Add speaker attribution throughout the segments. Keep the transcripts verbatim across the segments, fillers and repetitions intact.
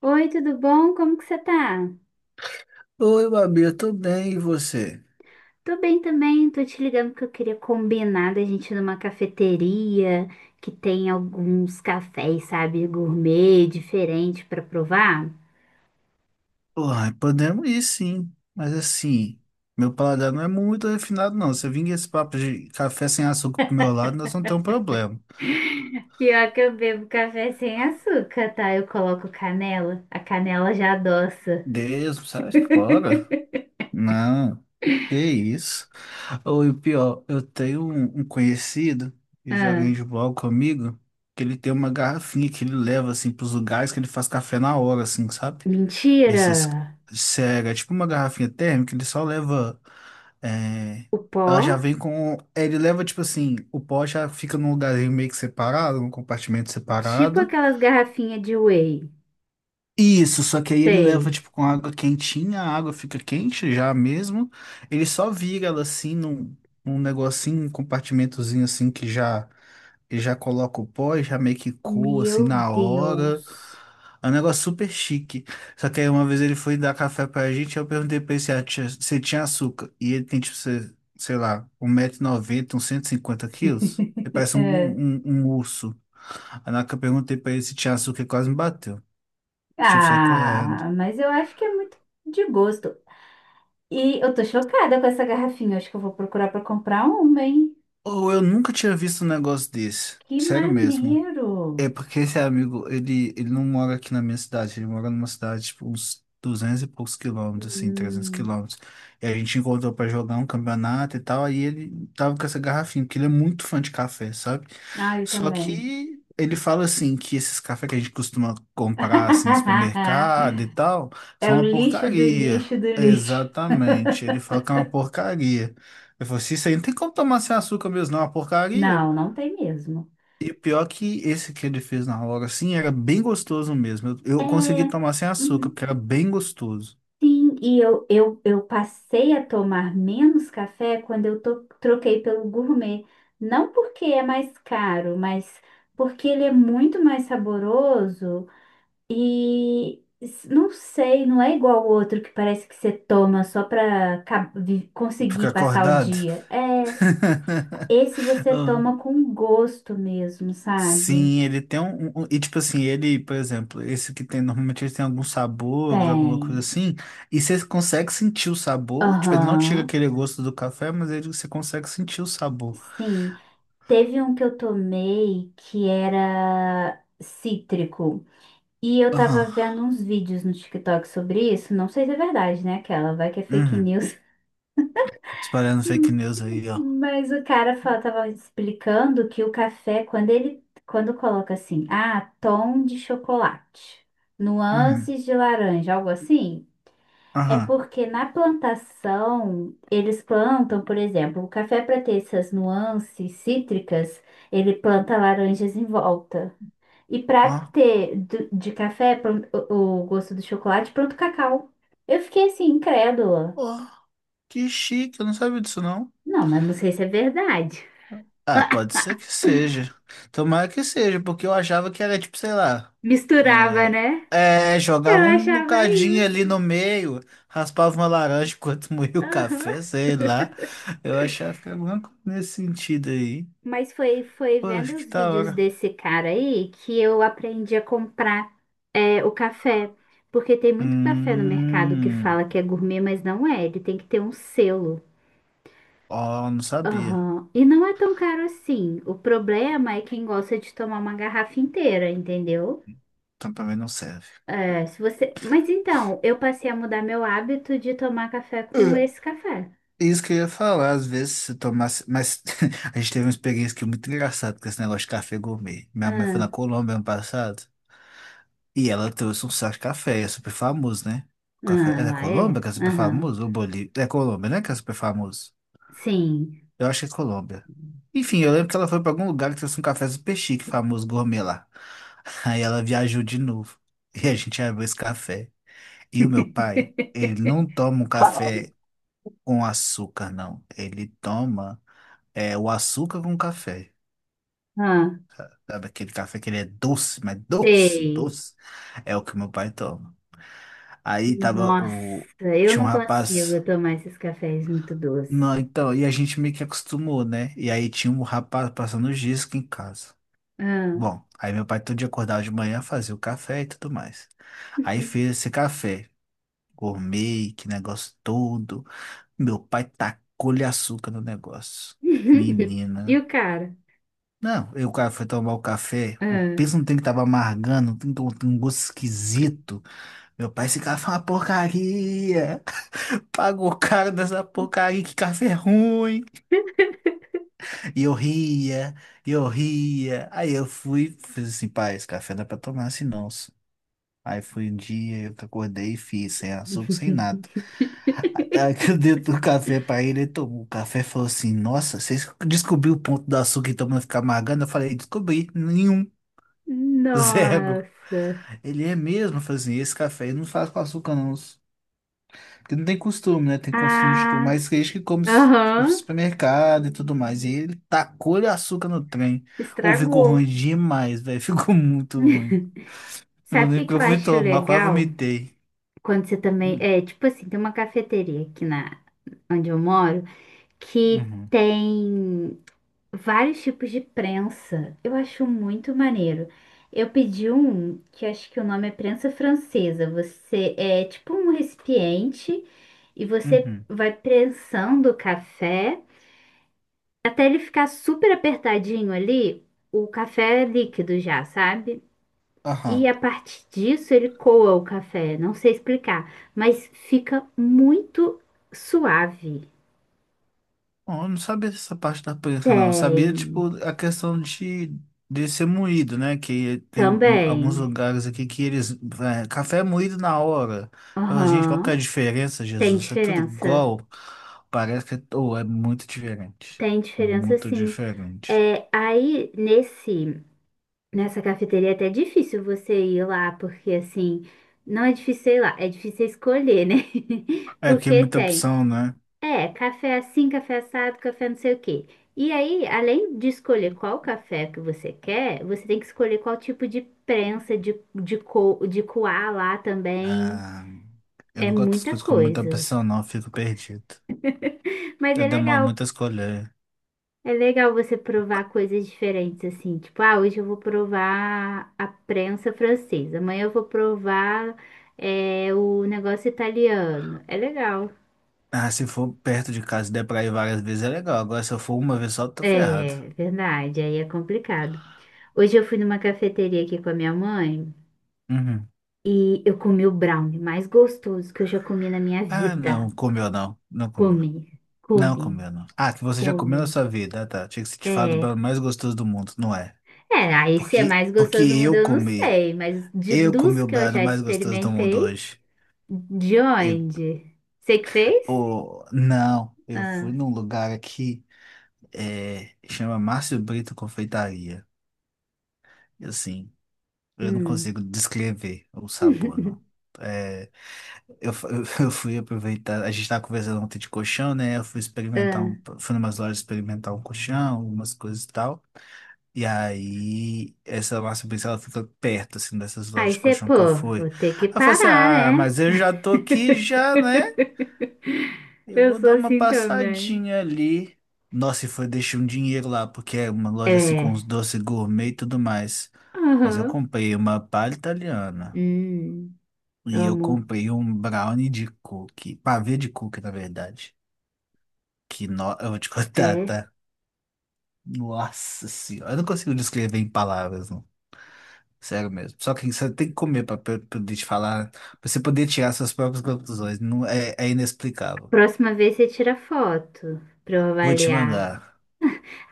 Speaker 1: Oi, tudo bom? Como que você tá?
Speaker 2: Oi, Babi, eu tô bem, e você?
Speaker 1: Tô bem também, tô te ligando porque eu queria combinar da gente ir numa cafeteria que tem alguns cafés, sabe, gourmet, diferente pra provar.
Speaker 2: Uai, podemos ir sim, mas assim, meu paladar não é muito refinado, não. Se eu vim com esse papo de café sem açúcar pro meu lado, nós não temos problema.
Speaker 1: Pior que eu bebo café sem açúcar, tá? Eu coloco canela, a canela já adoça.
Speaker 2: Deus, sai fora? Não, que isso. Ou e o pior, eu tenho um, um conhecido que joga
Speaker 1: Ah,
Speaker 2: handball comigo, que ele tem uma garrafinha que ele leva, assim, pros lugares que ele faz café na hora, assim, sabe?
Speaker 1: mentira!
Speaker 2: Esses, sério, é tipo uma garrafinha térmica, ele só leva. É,
Speaker 1: O
Speaker 2: ela já
Speaker 1: pó?
Speaker 2: vem com. Ele leva, tipo assim, o pó já fica num lugarzinho meio que separado, num compartimento
Speaker 1: Tipo
Speaker 2: separado.
Speaker 1: aquelas garrafinhas de whey.
Speaker 2: Isso, só que aí ele leva,
Speaker 1: Sei.
Speaker 2: tipo, com água quentinha, a água fica quente já mesmo. Ele só vira ela assim num, num negocinho, um compartimentozinho assim que já ele já coloca o pó e já meio que coa assim
Speaker 1: Meu
Speaker 2: na hora.
Speaker 1: Deus.
Speaker 2: É um negócio super chique. Só que aí uma vez ele foi dar café pra gente, eu perguntei pra ele se, a- tinha- se tinha açúcar. E ele tem, tipo, se- sei lá, um 1,90m, uns cento e cinquenta quilos. Ele parece um, um, um urso. Aí na hora que eu perguntei pra ele se tinha açúcar, ele quase me bateu. Eu tive que sair correndo.
Speaker 1: Ah, mas eu acho que é muito de gosto. E eu tô chocada com essa garrafinha. Acho que eu vou procurar pra comprar uma, hein?
Speaker 2: Ou eu nunca tinha visto um negócio desse.
Speaker 1: Que
Speaker 2: Sério mesmo.
Speaker 1: maneiro!
Speaker 2: É porque esse amigo, ele, ele não mora aqui na minha cidade, ele mora numa cidade, tipo, uns duzentos e poucos quilômetros, assim, trezentos
Speaker 1: Hum.
Speaker 2: quilômetros. E a gente encontrou pra jogar um campeonato e tal, aí ele tava com essa garrafinha, porque ele é muito fã de café, sabe?
Speaker 1: Ah, eu
Speaker 2: Só
Speaker 1: também.
Speaker 2: que ele fala, assim, que esses cafés que a gente costuma comprar, assim, no supermercado e tal,
Speaker 1: É
Speaker 2: são
Speaker 1: o
Speaker 2: uma
Speaker 1: lixo do
Speaker 2: porcaria.
Speaker 1: lixo do lixo.
Speaker 2: Exatamente, ele fala que é uma porcaria. Eu falo assim, isso aí não tem como tomar sem açúcar mesmo, não, é uma porcaria.
Speaker 1: Não, não tem mesmo.
Speaker 2: E o pior que esse que ele fez na hora, assim, era bem gostoso mesmo. Eu,
Speaker 1: É,
Speaker 2: eu consegui tomar sem açúcar,
Speaker 1: uhum,
Speaker 2: porque era bem gostoso.
Speaker 1: sim, e eu, eu, eu passei a tomar menos café quando eu to- troquei pelo gourmet. Não porque é mais caro, mas porque ele é muito mais saboroso. E s- não sei, não é igual o outro que parece que você toma só pra ca- vi- conseguir
Speaker 2: Ficar
Speaker 1: passar o
Speaker 2: acordado.
Speaker 1: dia. É, esse você
Speaker 2: Ah,
Speaker 1: toma com gosto mesmo, sabe?
Speaker 2: sim, ele tem um, um- um, e tipo assim, ele, por exemplo, esse que tem, normalmente ele tem alguns sabores, alguma coisa
Speaker 1: Tem.
Speaker 2: assim. E você consegue sentir o sabor. Tipo, ele não tira
Speaker 1: Aham.
Speaker 2: aquele gosto do café, mas ele, você consegue sentir o sabor.
Speaker 1: Sim. Teve um que eu tomei que era cítrico. E eu tava
Speaker 2: Aham.
Speaker 1: vendo uns vídeos no TikTok sobre isso. Não sei se é verdade, né? Aquela, vai que é fake
Speaker 2: Uhum.
Speaker 1: news.
Speaker 2: Espalhando fake
Speaker 1: Hum,
Speaker 2: news aí, ó.
Speaker 1: Mas o cara fa- tava explicando que o café, quando ele, quando coloca assim, ah, tom de chocolate,
Speaker 2: Uhum.
Speaker 1: nuances de laranja, algo assim, é
Speaker 2: Aham.
Speaker 1: porque na plantação eles plantam, por exemplo, o café para ter essas nuances cítricas, ele planta laranjas em volta. E para
Speaker 2: Ó.
Speaker 1: ter do- de café plan- o, o gosto do chocolate, planta o cacau. Eu fiquei assim, incrédula.
Speaker 2: Ó. Que chique, eu não sabia disso, não.
Speaker 1: Não, mas não sei se é verdade.
Speaker 2: Ah, pode ser que seja. Tomara que seja, porque eu achava que era tipo, sei lá.
Speaker 1: Misturava,
Speaker 2: É,
Speaker 1: né?
Speaker 2: é,
Speaker 1: Eu
Speaker 2: jogava um
Speaker 1: achava
Speaker 2: bocadinho ali
Speaker 1: isso.
Speaker 2: no meio, raspava uma laranja enquanto moía o
Speaker 1: Aham.
Speaker 2: café, sei lá. Eu achava que era alguma coisa nesse sentido aí.
Speaker 1: Mas foi, foi
Speaker 2: Poxa,
Speaker 1: vendo
Speaker 2: que
Speaker 1: os
Speaker 2: da
Speaker 1: vídeos
Speaker 2: hora.
Speaker 1: desse cara aí que eu aprendi a comprar é, o café. Porque tem muito café no mercado que
Speaker 2: Hum.
Speaker 1: fala que é gourmet, mas não é. Ele tem que ter um selo.
Speaker 2: Ó, não sabia.
Speaker 1: Aham. E não é tão caro assim. O problema é quem gosta de tomar uma garrafa inteira, entendeu?
Speaker 2: Então pra mim não serve.
Speaker 1: É, se você... Mas então, eu passei a mudar meu hábito de tomar café com
Speaker 2: É,
Speaker 1: esse café.
Speaker 2: isso que eu ia falar, às vezes se tomasse. Mas a gente teve uma experiência que é muito engraçada com esse negócio de café gourmet. Minha mãe foi
Speaker 1: Ah,
Speaker 2: na Colômbia ano passado. E ela trouxe um saco de café, é super famoso, né? O café
Speaker 1: ah,
Speaker 2: é da
Speaker 1: lá
Speaker 2: Colômbia
Speaker 1: é?
Speaker 2: que é super
Speaker 1: Aham.
Speaker 2: famoso? Ou Bolívia? É Colômbia, né? Que é super famoso.
Speaker 1: Sim.
Speaker 2: Eu acho que é Colômbia. Enfim, eu lembro que ela foi pra algum lugar que trouxe um café super chique, famoso gourmet lá. Aí ela viajou de novo. E a gente abriu esse café. E o meu pai, ele não toma um café com açúcar, não. Ele toma é, o açúcar com café.
Speaker 1: Ah,
Speaker 2: Sabe aquele café que ele é doce, mas doce,
Speaker 1: sei.
Speaker 2: doce. É o que meu pai toma. Aí tava
Speaker 1: Nossa,
Speaker 2: o.
Speaker 1: eu
Speaker 2: Tinha um
Speaker 1: não
Speaker 2: rapaz.
Speaker 1: consigo tomar esses cafés muito doces.
Speaker 2: Não, então, e a gente meio que acostumou, né? E aí tinha um rapaz passando os dias em casa.
Speaker 1: Ah.
Speaker 2: Bom, aí meu pai todo dia acordava de manhã, fazia o café e tudo mais. Aí fez esse café, gourmet, que negócio todo. Meu pai tacou-lhe açúcar no negócio.
Speaker 1: E
Speaker 2: Menina.
Speaker 1: o cara?
Speaker 2: Não, eu, o cara foi tomar o café, o
Speaker 1: Ah.
Speaker 2: peso não tem que tava amargando, tem que- ter um tem um gosto esquisito. Meu pai, esse café é uma porcaria. Pagou caro dessa porcaria, que café ruim. E eu ria, e eu ria. Aí eu fui, fiz assim, pai, esse café não é pra tomar assim não. só." Aí foi um dia, eu acordei e fiz, sem açúcar, sem nada. Aí que eu dei o café pra ele, ele tomou o café e falou assim, nossa, você descobriu o ponto do açúcar então não ficar amargando? Eu falei, descobri, nenhum, zero.
Speaker 1: Nossa.
Speaker 2: Ele é mesmo, eu falei assim, esse café eu não faz com açúcar não. Porque não tem costume, né? Tem costume de tomar
Speaker 1: Ah,
Speaker 2: esse queijo que come su-
Speaker 1: aham,
Speaker 2: supermercado e tudo mais. E ele tacou-lhe açúcar no trem. Ou ficou ruim
Speaker 1: estragou.
Speaker 2: demais, velho. Ficou muito ruim. Eu
Speaker 1: Sabe o que
Speaker 2: lembro que
Speaker 1: que
Speaker 2: eu
Speaker 1: eu
Speaker 2: fui
Speaker 1: acho
Speaker 2: tomar, quase
Speaker 1: legal?
Speaker 2: vomitei.
Speaker 1: Quando você também.
Speaker 2: Hum,
Speaker 1: É, tipo assim, tem uma cafeteria aqui na onde eu moro que
Speaker 2: Uhum.
Speaker 1: tem vários tipos de prensa. Eu acho muito maneiro. Eu pedi um que eu acho que o nome é prensa francesa. Você é tipo um recipiente e você
Speaker 2: Uhum.
Speaker 1: vai prensando o café até ele ficar super apertadinho ali, o café é líquido já, sabe? E
Speaker 2: Aham.
Speaker 1: a partir disso ele coa o café, não sei explicar, mas fica muito suave.
Speaker 2: Bom, eu não sabia dessa parte da prensa, não. Eu sabia,
Speaker 1: Tem,
Speaker 2: tipo, a questão de, de, ser moído, né? Que tem um- alguns
Speaker 1: também.
Speaker 2: lugares aqui que eles. É, café é moído na hora. Eu, falo, gente, qual que é a
Speaker 1: Aham,
Speaker 2: diferença,
Speaker 1: tem
Speaker 2: Jesus? É tudo
Speaker 1: diferença.
Speaker 2: igual. Parece que é, ou é muito diferente.
Speaker 1: Tem diferença
Speaker 2: Muito
Speaker 1: sim.
Speaker 2: diferente.
Speaker 1: É, aí nesse nessa cafeteria é até difícil você ir lá, porque assim, não é difícil ir lá, é difícil escolher, né?
Speaker 2: É porque é
Speaker 1: Porque
Speaker 2: muita
Speaker 1: tem,
Speaker 2: opção, né?
Speaker 1: é, café assim, café assado, café não sei o quê. E aí, além de escolher qual café que você quer, você tem que escolher qual tipo de prensa de, de, co, de coar lá também.
Speaker 2: Ah, eu
Speaker 1: É
Speaker 2: não gosto das
Speaker 1: muita
Speaker 2: coisas com muita
Speaker 1: coisa.
Speaker 2: opção, não. Eu fico perdido.
Speaker 1: Mas
Speaker 2: Eu
Speaker 1: é
Speaker 2: demoro
Speaker 1: legal
Speaker 2: muito a escolher.
Speaker 1: É legal você provar coisas diferentes, assim. Tipo, ah, hoje eu vou provar a prensa francesa, amanhã eu vou provar é, o negócio italiano. É legal.
Speaker 2: Ah, se for perto de casa e der pra ir várias vezes é legal. Agora, se eu for uma vez só, tô ferrado.
Speaker 1: É, verdade, aí é complicado. Hoje eu fui numa cafeteria aqui com a minha mãe
Speaker 2: Uhum.
Speaker 1: e eu comi o brownie mais gostoso que eu já comi na minha
Speaker 2: Ah,
Speaker 1: vida.
Speaker 2: não, comeu não. Não comeu.
Speaker 1: Come,
Speaker 2: Não
Speaker 1: come,
Speaker 2: comeu não. Ah, que você já comeu
Speaker 1: come.
Speaker 2: na sua vida. Ah, tá. Tinha que ser te falar do
Speaker 1: É,
Speaker 2: baiano mais gostoso do mundo, não é?
Speaker 1: é, aí se é
Speaker 2: Porque,
Speaker 1: mais
Speaker 2: porque
Speaker 1: gostoso do mundo
Speaker 2: eu
Speaker 1: eu não
Speaker 2: comi.
Speaker 1: sei, mas de,
Speaker 2: Eu comi
Speaker 1: dos
Speaker 2: o
Speaker 1: que eu
Speaker 2: baiano
Speaker 1: já
Speaker 2: mais gostoso do mundo
Speaker 1: experimentei.
Speaker 2: hoje.
Speaker 1: De
Speaker 2: Eu,
Speaker 1: onde? Você que fez?
Speaker 2: oh, não, eu fui
Speaker 1: Ah,
Speaker 2: num lugar aqui, é, chama Márcio Brito Confeitaria. E assim, eu não
Speaker 1: hum.
Speaker 2: consigo descrever o sabor, não. É, Eu, fu- eu fui aproveitar, a gente estava conversando ontem de colchão, né? Eu fui experimentar
Speaker 1: Ah.
Speaker 2: um, fui numas lojas experimentar um colchão, umas coisas e tal. E aí, essa Márcia Pizza, ela fica perto, assim, dessas lojas
Speaker 1: Aí
Speaker 2: de
Speaker 1: você,
Speaker 2: colchão que eu
Speaker 1: pô,
Speaker 2: fui.
Speaker 1: vou ter que
Speaker 2: Aí eu falei assim,
Speaker 1: parar,
Speaker 2: ah,
Speaker 1: né?
Speaker 2: mas eu já tô aqui já, né? Eu
Speaker 1: Eu
Speaker 2: vou
Speaker 1: sou
Speaker 2: dar uma
Speaker 1: assim também.
Speaker 2: passadinha ali. Nossa, e foi, deixei um dinheiro lá, porque é uma loja, assim, com
Speaker 1: É.
Speaker 2: uns doces gourmet e tudo mais. Mas eu
Speaker 1: Aham.
Speaker 2: comprei uma palha italiana.
Speaker 1: Hum,
Speaker 2: E eu
Speaker 1: amo.
Speaker 2: comprei um brownie de cookie, pavê de cookie, na verdade. Que no... eu vou te contar,
Speaker 1: É.
Speaker 2: tá? Nossa senhora, eu não consigo descrever em palavras, não. Sério mesmo. Só que você tem que comer pra pra- pra poder te falar, pra você poder tirar suas próprias conclusões. Não é, é inexplicável.
Speaker 1: Próxima vez você tira foto pra eu
Speaker 2: Vou te
Speaker 1: avaliar.
Speaker 2: mandar.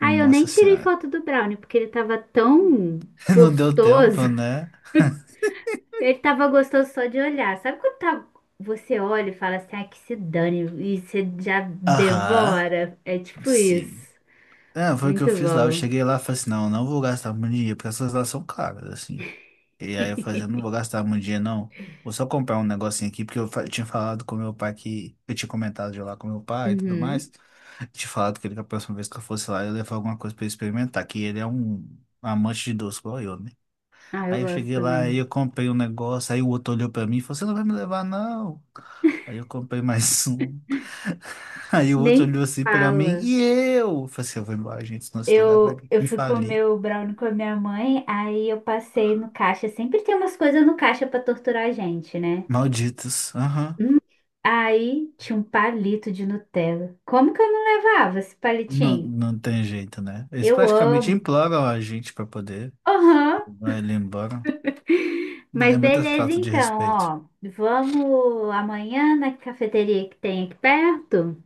Speaker 1: Ah, eu nem tirei
Speaker 2: senhora.
Speaker 1: foto do brownie porque ele tava tão
Speaker 2: Não deu
Speaker 1: gostoso.
Speaker 2: tempo, né?
Speaker 1: Ele tava gostoso só de olhar. Sabe quando tá- você olha e fala assim, ah, que se dane, e você já
Speaker 2: Aham,
Speaker 1: devora? É tipo
Speaker 2: sim.
Speaker 1: isso.
Speaker 2: É, foi o que eu
Speaker 1: Muito
Speaker 2: fiz lá. Eu
Speaker 1: bom.
Speaker 2: cheguei lá e falei assim, não, eu não vou gastar muito dinheiro, porque essas lá são caras, assim. E aí eu falei assim, eu não vou gastar muito dinheiro, não. Vou só comprar um negocinho aqui, porque eu fa- tinha falado com meu pai que... Eu tinha comentado de ir lá com meu pai e tudo mais.
Speaker 1: Uhum.
Speaker 2: Tinha falado que ele, que a próxima vez que eu fosse lá, eu ia levar alguma coisa pra ele experimentar, que ele é um amante de doce, igual eu, né?
Speaker 1: Ah, eu
Speaker 2: Aí eu
Speaker 1: gosto
Speaker 2: cheguei lá, aí
Speaker 1: também.
Speaker 2: eu comprei um negócio, aí o outro olhou pra mim e falou, você não vai me levar, não? Aí eu comprei mais um. Aí o outro
Speaker 1: Nem
Speaker 2: olhou assim pra mim,
Speaker 1: fala.
Speaker 2: e eu? Eu falei assim, eu vou embora, gente, senão esse lugar vai
Speaker 1: Eu, eu
Speaker 2: me
Speaker 1: fui
Speaker 2: falir.
Speaker 1: comer o brownie com a minha mãe, aí eu passei no caixa. Sempre tem umas coisas no caixa pra torturar a gente, né?
Speaker 2: Malditos. Aham.
Speaker 1: Hum. Aí tinha um palito de Nutella. Como que eu não levava esse
Speaker 2: Não,
Speaker 1: palitinho?
Speaker 2: não tem jeito, né? Eles
Speaker 1: Eu
Speaker 2: praticamente
Speaker 1: amo.
Speaker 2: imploram a gente para poder
Speaker 1: Aham.
Speaker 2: levar ele embora. Né?
Speaker 1: Mas
Speaker 2: É muita
Speaker 1: beleza,
Speaker 2: falta de
Speaker 1: então,
Speaker 2: respeito.
Speaker 1: ó. Vamos amanhã na cafeteria que tem aqui perto?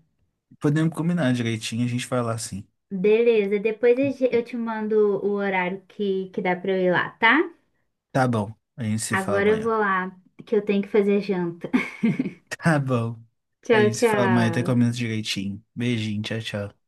Speaker 2: Podemos combinar direitinho, a gente vai lá sim.
Speaker 1: Beleza, depois eu ge- eu te mando o horário que, que dá pra eu ir lá, tá?
Speaker 2: Tá bom, a gente se fala
Speaker 1: Agora eu
Speaker 2: amanhã.
Speaker 1: vou lá, que eu tenho que fazer janta.
Speaker 2: Tá bom, a
Speaker 1: Tchau,
Speaker 2: gente se fala amanhã, até
Speaker 1: tchau.
Speaker 2: combina direitinho. Beijinho, tchau, tchau.